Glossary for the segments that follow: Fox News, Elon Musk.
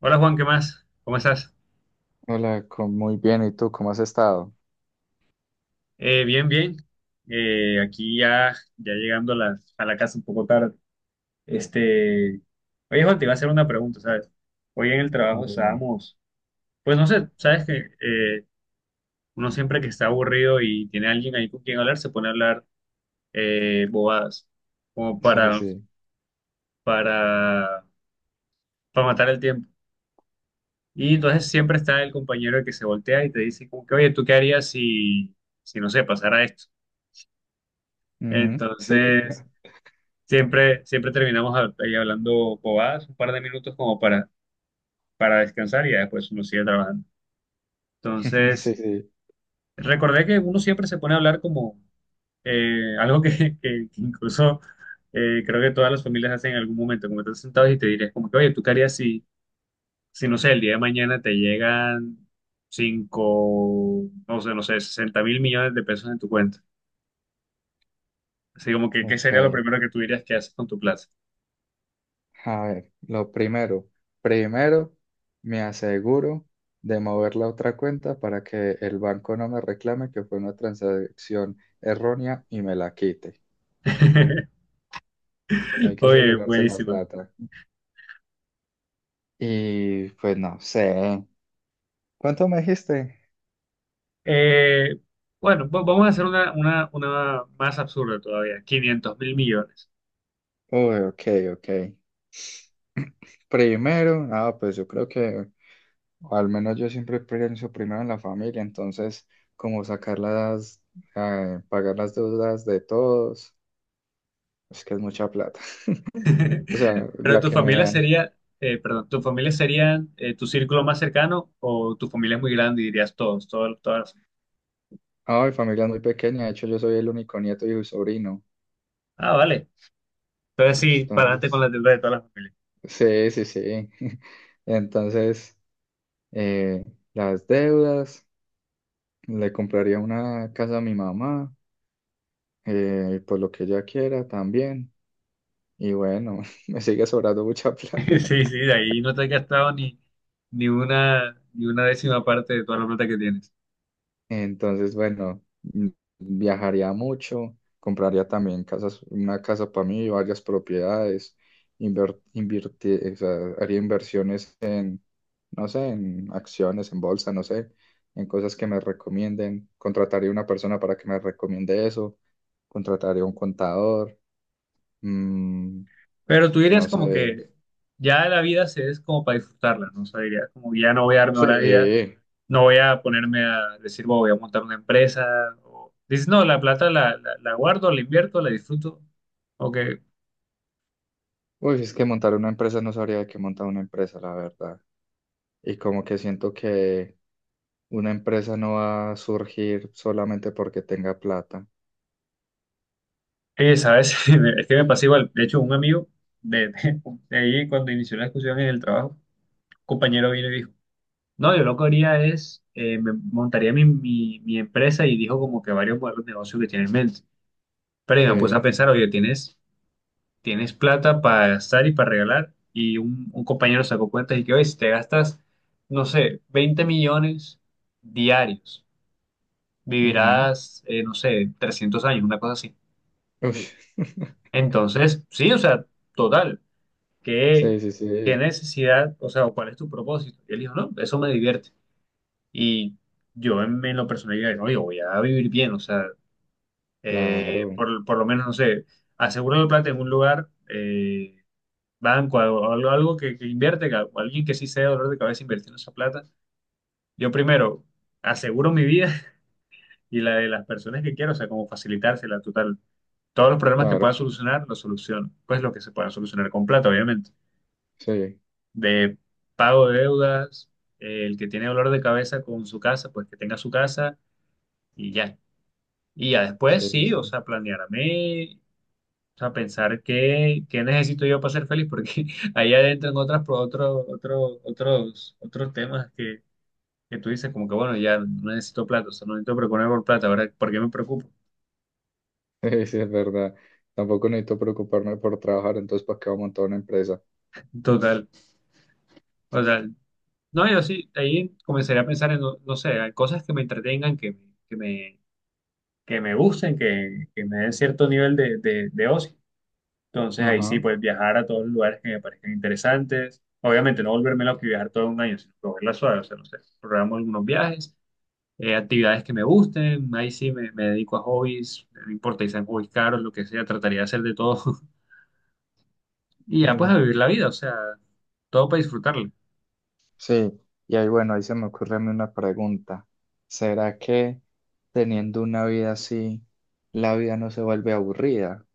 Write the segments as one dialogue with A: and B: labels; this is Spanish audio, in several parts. A: Hola Juan, ¿qué más? ¿Cómo estás?
B: Hola, muy bien. ¿Y tú cómo has estado?
A: Bien, bien. Aquí ya llegando a la casa un poco tarde. Este, oye Juan, te iba a hacer una pregunta, ¿sabes? Hoy en el trabajo
B: Dime.
A: estábamos, pues no sé, ¿sabes que uno siempre que está aburrido y tiene alguien ahí con quien hablar, se pone a hablar bobadas, como
B: Sí, sí.
A: para, para matar el tiempo? Y entonces siempre está el compañero que se voltea y te dice como que, oye, ¿tú qué harías si no sé, pasara esto?
B: Ujú. Sí.
A: Entonces, siempre terminamos ahí hablando bobadas un par de minutos como para descansar, y ya después uno sigue trabajando.
B: Sí,
A: Entonces,
B: sí.
A: recordé que uno siempre se pone a hablar como algo que, que incluso creo que todas las familias hacen en algún momento, como estás sentados y te dirías como que, oye, ¿tú qué harías si, no sé, el día de mañana te llegan cinco, no sé, 60.000.000.000 de pesos en tu cuenta? Así como que, ¿qué sería lo
B: Ok.
A: primero que tú dirías que haces con tu plata?
B: A ver, lo primero. Primero, me aseguro de mover la otra cuenta para que el banco no me reclame que fue una transacción errónea y me la quite. Hay que
A: Oye,
B: asegurarse la
A: buenísimo.
B: plata. Y pues no sé. ¿Cuánto me dijiste?
A: Eh, bueno, vamos a hacer una más absurda todavía, 500.000.000.000.
B: Uy, ok, ok. Primero, pues yo creo que, o al menos yo siempre pienso primero en la familia, entonces como sacar pagar las deudas de todos, es que es mucha plata, o sea,
A: Pero
B: la
A: tu
B: que me
A: familia
B: dan.
A: sería, perdón, tu familia sería tu círculo más cercano, o tu familia es muy grande y dirías todos, todos, todas.
B: Ah, mi familia es muy pequeña, de hecho yo soy el único nieto y sobrino,
A: Ah, vale. Entonces sí, para adelante con
B: entonces,
A: la deuda de todas las familias.
B: sí, sí, sí. Entonces, eh, las deudas, le compraría una casa a mi mamá, por lo que ella quiera también, y bueno, me sigue sobrando mucha plata.
A: Sí, sí, de ahí no te has gastado ni una décima parte de toda la plata que tienes.
B: Entonces, bueno, mm, viajaría mucho, compraría también casas, una casa para mí, varias propiedades, o sea, haría inversiones en, no sé, en acciones, en bolsa, no sé, en cosas que me recomienden. Contrataría una persona para que me recomiende eso. Contrataría un contador, mm,
A: Pero tú
B: no
A: dirías como
B: sé.
A: que ya la vida se es como para disfrutarla, ¿no? O sea, dirías como que ya no voy a darme la vida,
B: Sí,
A: no voy a ponerme a decir: "Bueno, voy a montar una empresa". O, dices, no, la plata la guardo, la invierto, la disfruto. O que,
B: uy, es que montar una empresa no sabría de qué montar una empresa, la verdad. Y como que siento que una empresa no va a surgir solamente porque tenga plata.
A: ¿sabes? Es que me pasó igual. De hecho, un amigo de, de, de ahí, cuando inició la discusión en el trabajo, un compañero vino y dijo, no, yo lo que haría es, me montaría mi empresa, y dijo como que varios modelos de negocio que tiene en mente. Pero yo me puse a
B: Sí.
A: pensar, oye, tienes plata para gastar y para regalar, y un compañero sacó cuentas y que, oye, si te gastas, no sé, 20 millones diarios,
B: Ujú.
A: vivirás, no sé, 300 años, una cosa así.
B: Uy.
A: Entonces, sí, o sea, total, ¿qué,
B: Sí, sí,
A: qué
B: sí,
A: necesidad, o sea, o cuál es tu propósito? Y él dijo, no, eso me divierte. Y yo en lo personal, dije, no yo, voy a vivir bien, o sea,
B: claro,
A: por lo menos, no sé, aseguro la plata en un lugar. Banco o algo, algo que invierte, alguien que sí sea dolor de cabeza invirtiendo esa plata, yo primero aseguro mi vida y la de las personas que quiero, o sea, como facilitársela total. Todos los problemas que pueda
B: claro.
A: solucionar, los soluciono. Pues lo que se pueda solucionar con plata, obviamente.
B: Sí,
A: De pago de deudas, el que tiene dolor de cabeza con su casa, pues que tenga su casa y ya. Y ya después
B: sí, sí,
A: sí,
B: sí.
A: o sea, planearme. O sea, pensar qué, qué necesito yo para ser feliz, porque ahí adentro en otras, otros temas que tú dices, como que bueno, ya no necesito plata, o sea, no necesito preocuparme por plata, ¿verdad? ¿Por qué me preocupo?
B: Sí, sí, es verdad. Tampoco necesito preocuparme por trabajar, entonces ¿para qué voy a montar una empresa?
A: Total. O sea, no, yo sí, ahí comenzaría a pensar en, no, no sé, en cosas que me entretengan, que, que me, que me gusten, que me den cierto nivel de ocio. Entonces ahí sí,
B: Ajá.
A: pues viajar a todos los lugares que me parezcan interesantes. Obviamente no volverme loco y viajar todo un año, sino cogerla suave, o sea, no sé, programo algunos viajes, actividades que me gusten, ahí sí me dedico a hobbies, no importa si sean hobbies caros, lo que sea, trataría de hacer de todo y ya pues
B: Y-
A: a vivir la vida, o sea, todo para disfrutarla.
B: sí, y ahí bueno, ahí se me ocurre a mí una pregunta. ¿Será que teniendo una vida así, la vida no se vuelve aburrida?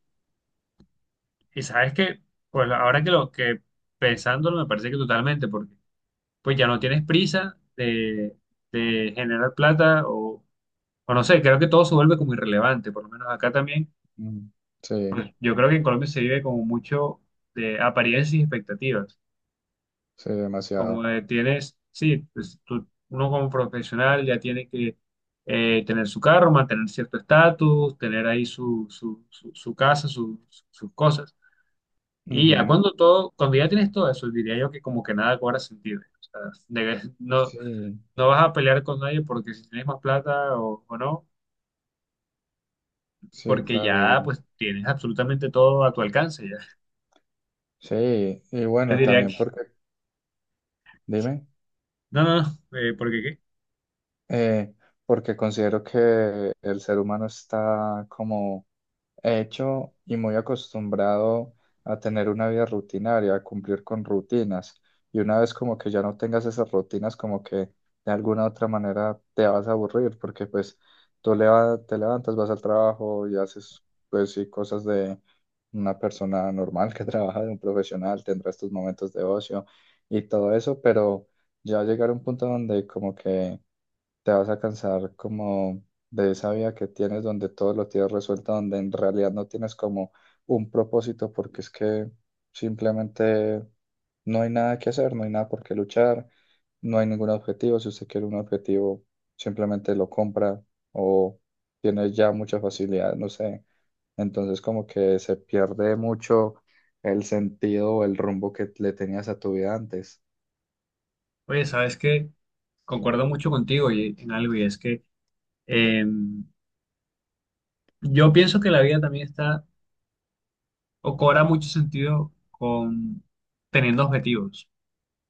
A: Y sabes que, pues ahora que lo que pensándolo me parece que totalmente, porque pues ya no tienes prisa de generar plata o no sé, creo que todo se vuelve como irrelevante, por lo menos acá también,
B: Mm. Sí,
A: pues yo creo que en Colombia se vive como mucho de apariencias y expectativas.
B: sí,
A: Como
B: demasiado.
A: tienes, sí, pues uno como profesional ya tiene que tener su carro, mantener cierto estatus, tener ahí su casa, sus cosas. Y ya
B: Ujú.
A: cuando todo, cuando ya tienes todo eso, diría yo que como que nada cobra sentido. O sea, no,
B: Sí.
A: no vas a pelear con nadie porque si tienes más plata o no,
B: Sí,
A: porque
B: claro,
A: ya
B: y
A: pues tienes absolutamente todo a tu alcance ya.
B: sí, y
A: Yo
B: bueno,
A: diría
B: también
A: que,
B: porque, dime,
A: no, porque qué.
B: eh, porque considero que el ser humano está como hecho y muy acostumbrado a tener una vida rutinaria, a cumplir con rutinas. Y una vez como que ya no tengas esas rutinas, como que de alguna otra manera te vas a aburrir, porque pues te levantas, vas al trabajo y haces pues sí cosas de una persona normal que trabaja, de un profesional, tendrás tus momentos de ocio y todo eso, pero ya llegar a un punto donde como que te vas a cansar como de esa vida que tienes donde todo lo tienes resuelto, donde en realidad no tienes como un propósito porque es que simplemente no hay nada que hacer, no hay nada por qué luchar, no hay ningún objetivo. Si usted quiere un objetivo, simplemente lo compra o tiene ya mucha facilidad, no sé. Entonces como que se pierde mucho el sentido o el rumbo que le tenías a tu vida antes.
A: Oye, ¿sabes qué? Concuerdo mucho contigo y en algo, y es que Eh, yo pienso que la vida también está o cobra mucho sentido con teniendo objetivos.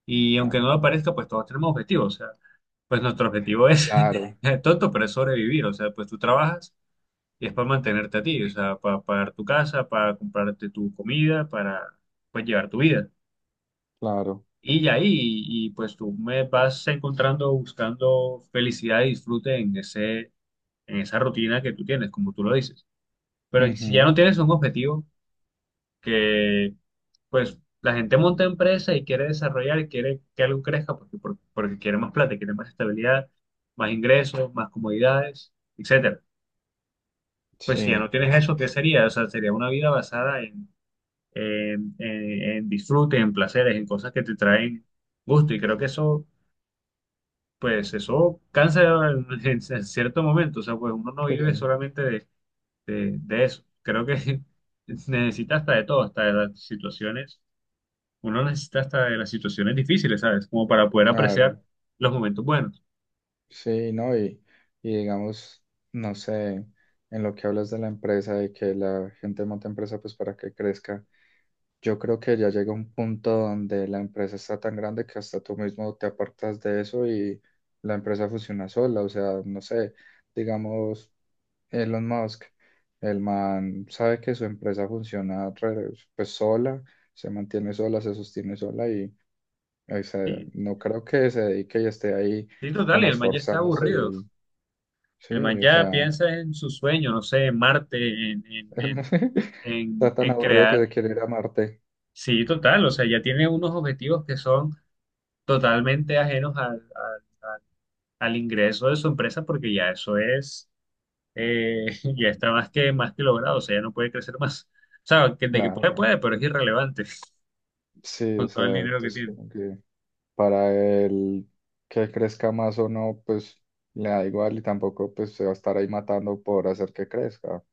A: Y aunque
B: Ah.
A: no lo parezca, pues todos tenemos objetivos. O sea, pues nuestro objetivo es,
B: Claro,
A: es tonto, pero es sobrevivir. O sea, pues tú trabajas y es para mantenerte a ti. O sea, para pagar tu casa, para comprarte tu comida, para pues llevar tu vida.
B: claro.
A: Y ya ahí, pues tú me vas encontrando buscando felicidad y disfrute en en esa rutina que tú tienes, como tú lo dices. Pero si ya no
B: Ujú.
A: tienes un objetivo, que pues la gente monta empresa y quiere desarrollar y quiere que algo crezca porque quiere más plata, quiere más estabilidad, más ingresos, más comodidades, etcétera. Pues si ya no
B: Sí.
A: tienes eso, ¿qué sería? O sea, sería una vida basada en disfrute, en placeres, en cosas que te traen gusto, y creo que eso, pues eso cansa en cierto momento, o sea, pues uno no
B: Sí,
A: vive solamente de eso, creo que necesita hasta de todo, hasta de las situaciones. Uno necesita hasta de las situaciones difíciles, ¿sabes? Como para poder
B: claro,
A: apreciar los momentos buenos.
B: sí, ¿no? Y digamos, no sé, en lo que hablas de la empresa, de que la gente monta empresa pues para que crezca, yo creo que ya llega un punto donde la empresa está tan grande que hasta tú mismo te apartas de eso y la empresa funciona sola, o sea, no sé, digamos, Elon Musk, el man sabe que su empresa funciona pues sola, se mantiene sola, se sostiene sola. O sea,
A: Sí,
B: no creo que se dedique y esté ahí
A: sí, total, y
B: como
A: el man ya está
B: esforzándose
A: aburrido.
B: y
A: El man
B: sí, o
A: ya
B: sea,
A: piensa en su sueño, no sé, en Marte, en, en, en,
B: está tan
A: en
B: aburrido que
A: crear.
B: se quiere ir a Marte.
A: Sí, total, o sea, ya tiene unos objetivos que son totalmente ajenos al ingreso de su empresa, porque ya eso es, eh, ya está más que logrado, o sea, ya no puede crecer más. O sea, de que puede,
B: Claro,
A: puede, pero es irrelevante
B: sí,
A: con
B: o
A: todo el
B: sea,
A: dinero que
B: entonces
A: tiene.
B: como que para él que crezca más o no, pues le da igual y tampoco pues se va a estar ahí matando por hacer que crezca.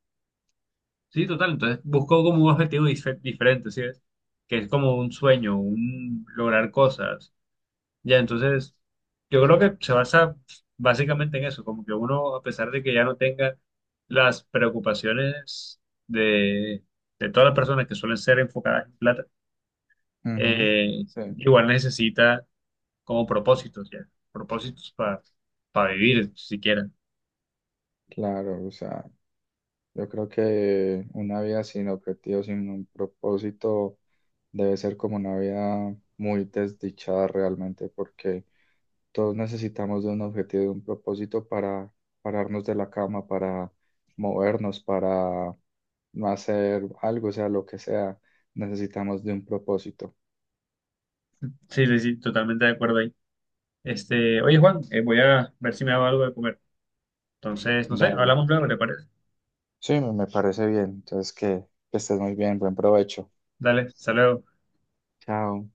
A: Sí, total. Entonces busco como un objetivo diferente, ¿sí ves? Que es como un sueño, un lograr cosas. Ya, entonces yo creo que se basa básicamente en eso, como que uno, a pesar de que ya no tenga las preocupaciones de, de todas las personas que suelen ser enfocadas en plata,
B: Ujú.
A: eh,
B: Sí,
A: igual necesita como propósitos, ya, propósitos para vivir siquiera.
B: claro, o sea. Yo creo que una vida sin objetivos, sin un propósito, debe ser como una vida muy desdichada realmente, porque todos necesitamos de un objetivo, de un propósito para pararnos de la cama, para movernos, para no hacer algo, o sea lo que sea, necesitamos de un propósito.
A: Sí, sí, sí, totalmente de acuerdo ahí. Oye Juan, voy a ver si me hago algo de comer. Entonces, no sé,
B: Dale.
A: hablamos luego, ¿le parece?
B: Sí, me parece bien. Entonces, que estés muy bien, buen provecho.
A: Dale, saludos.
B: Chao.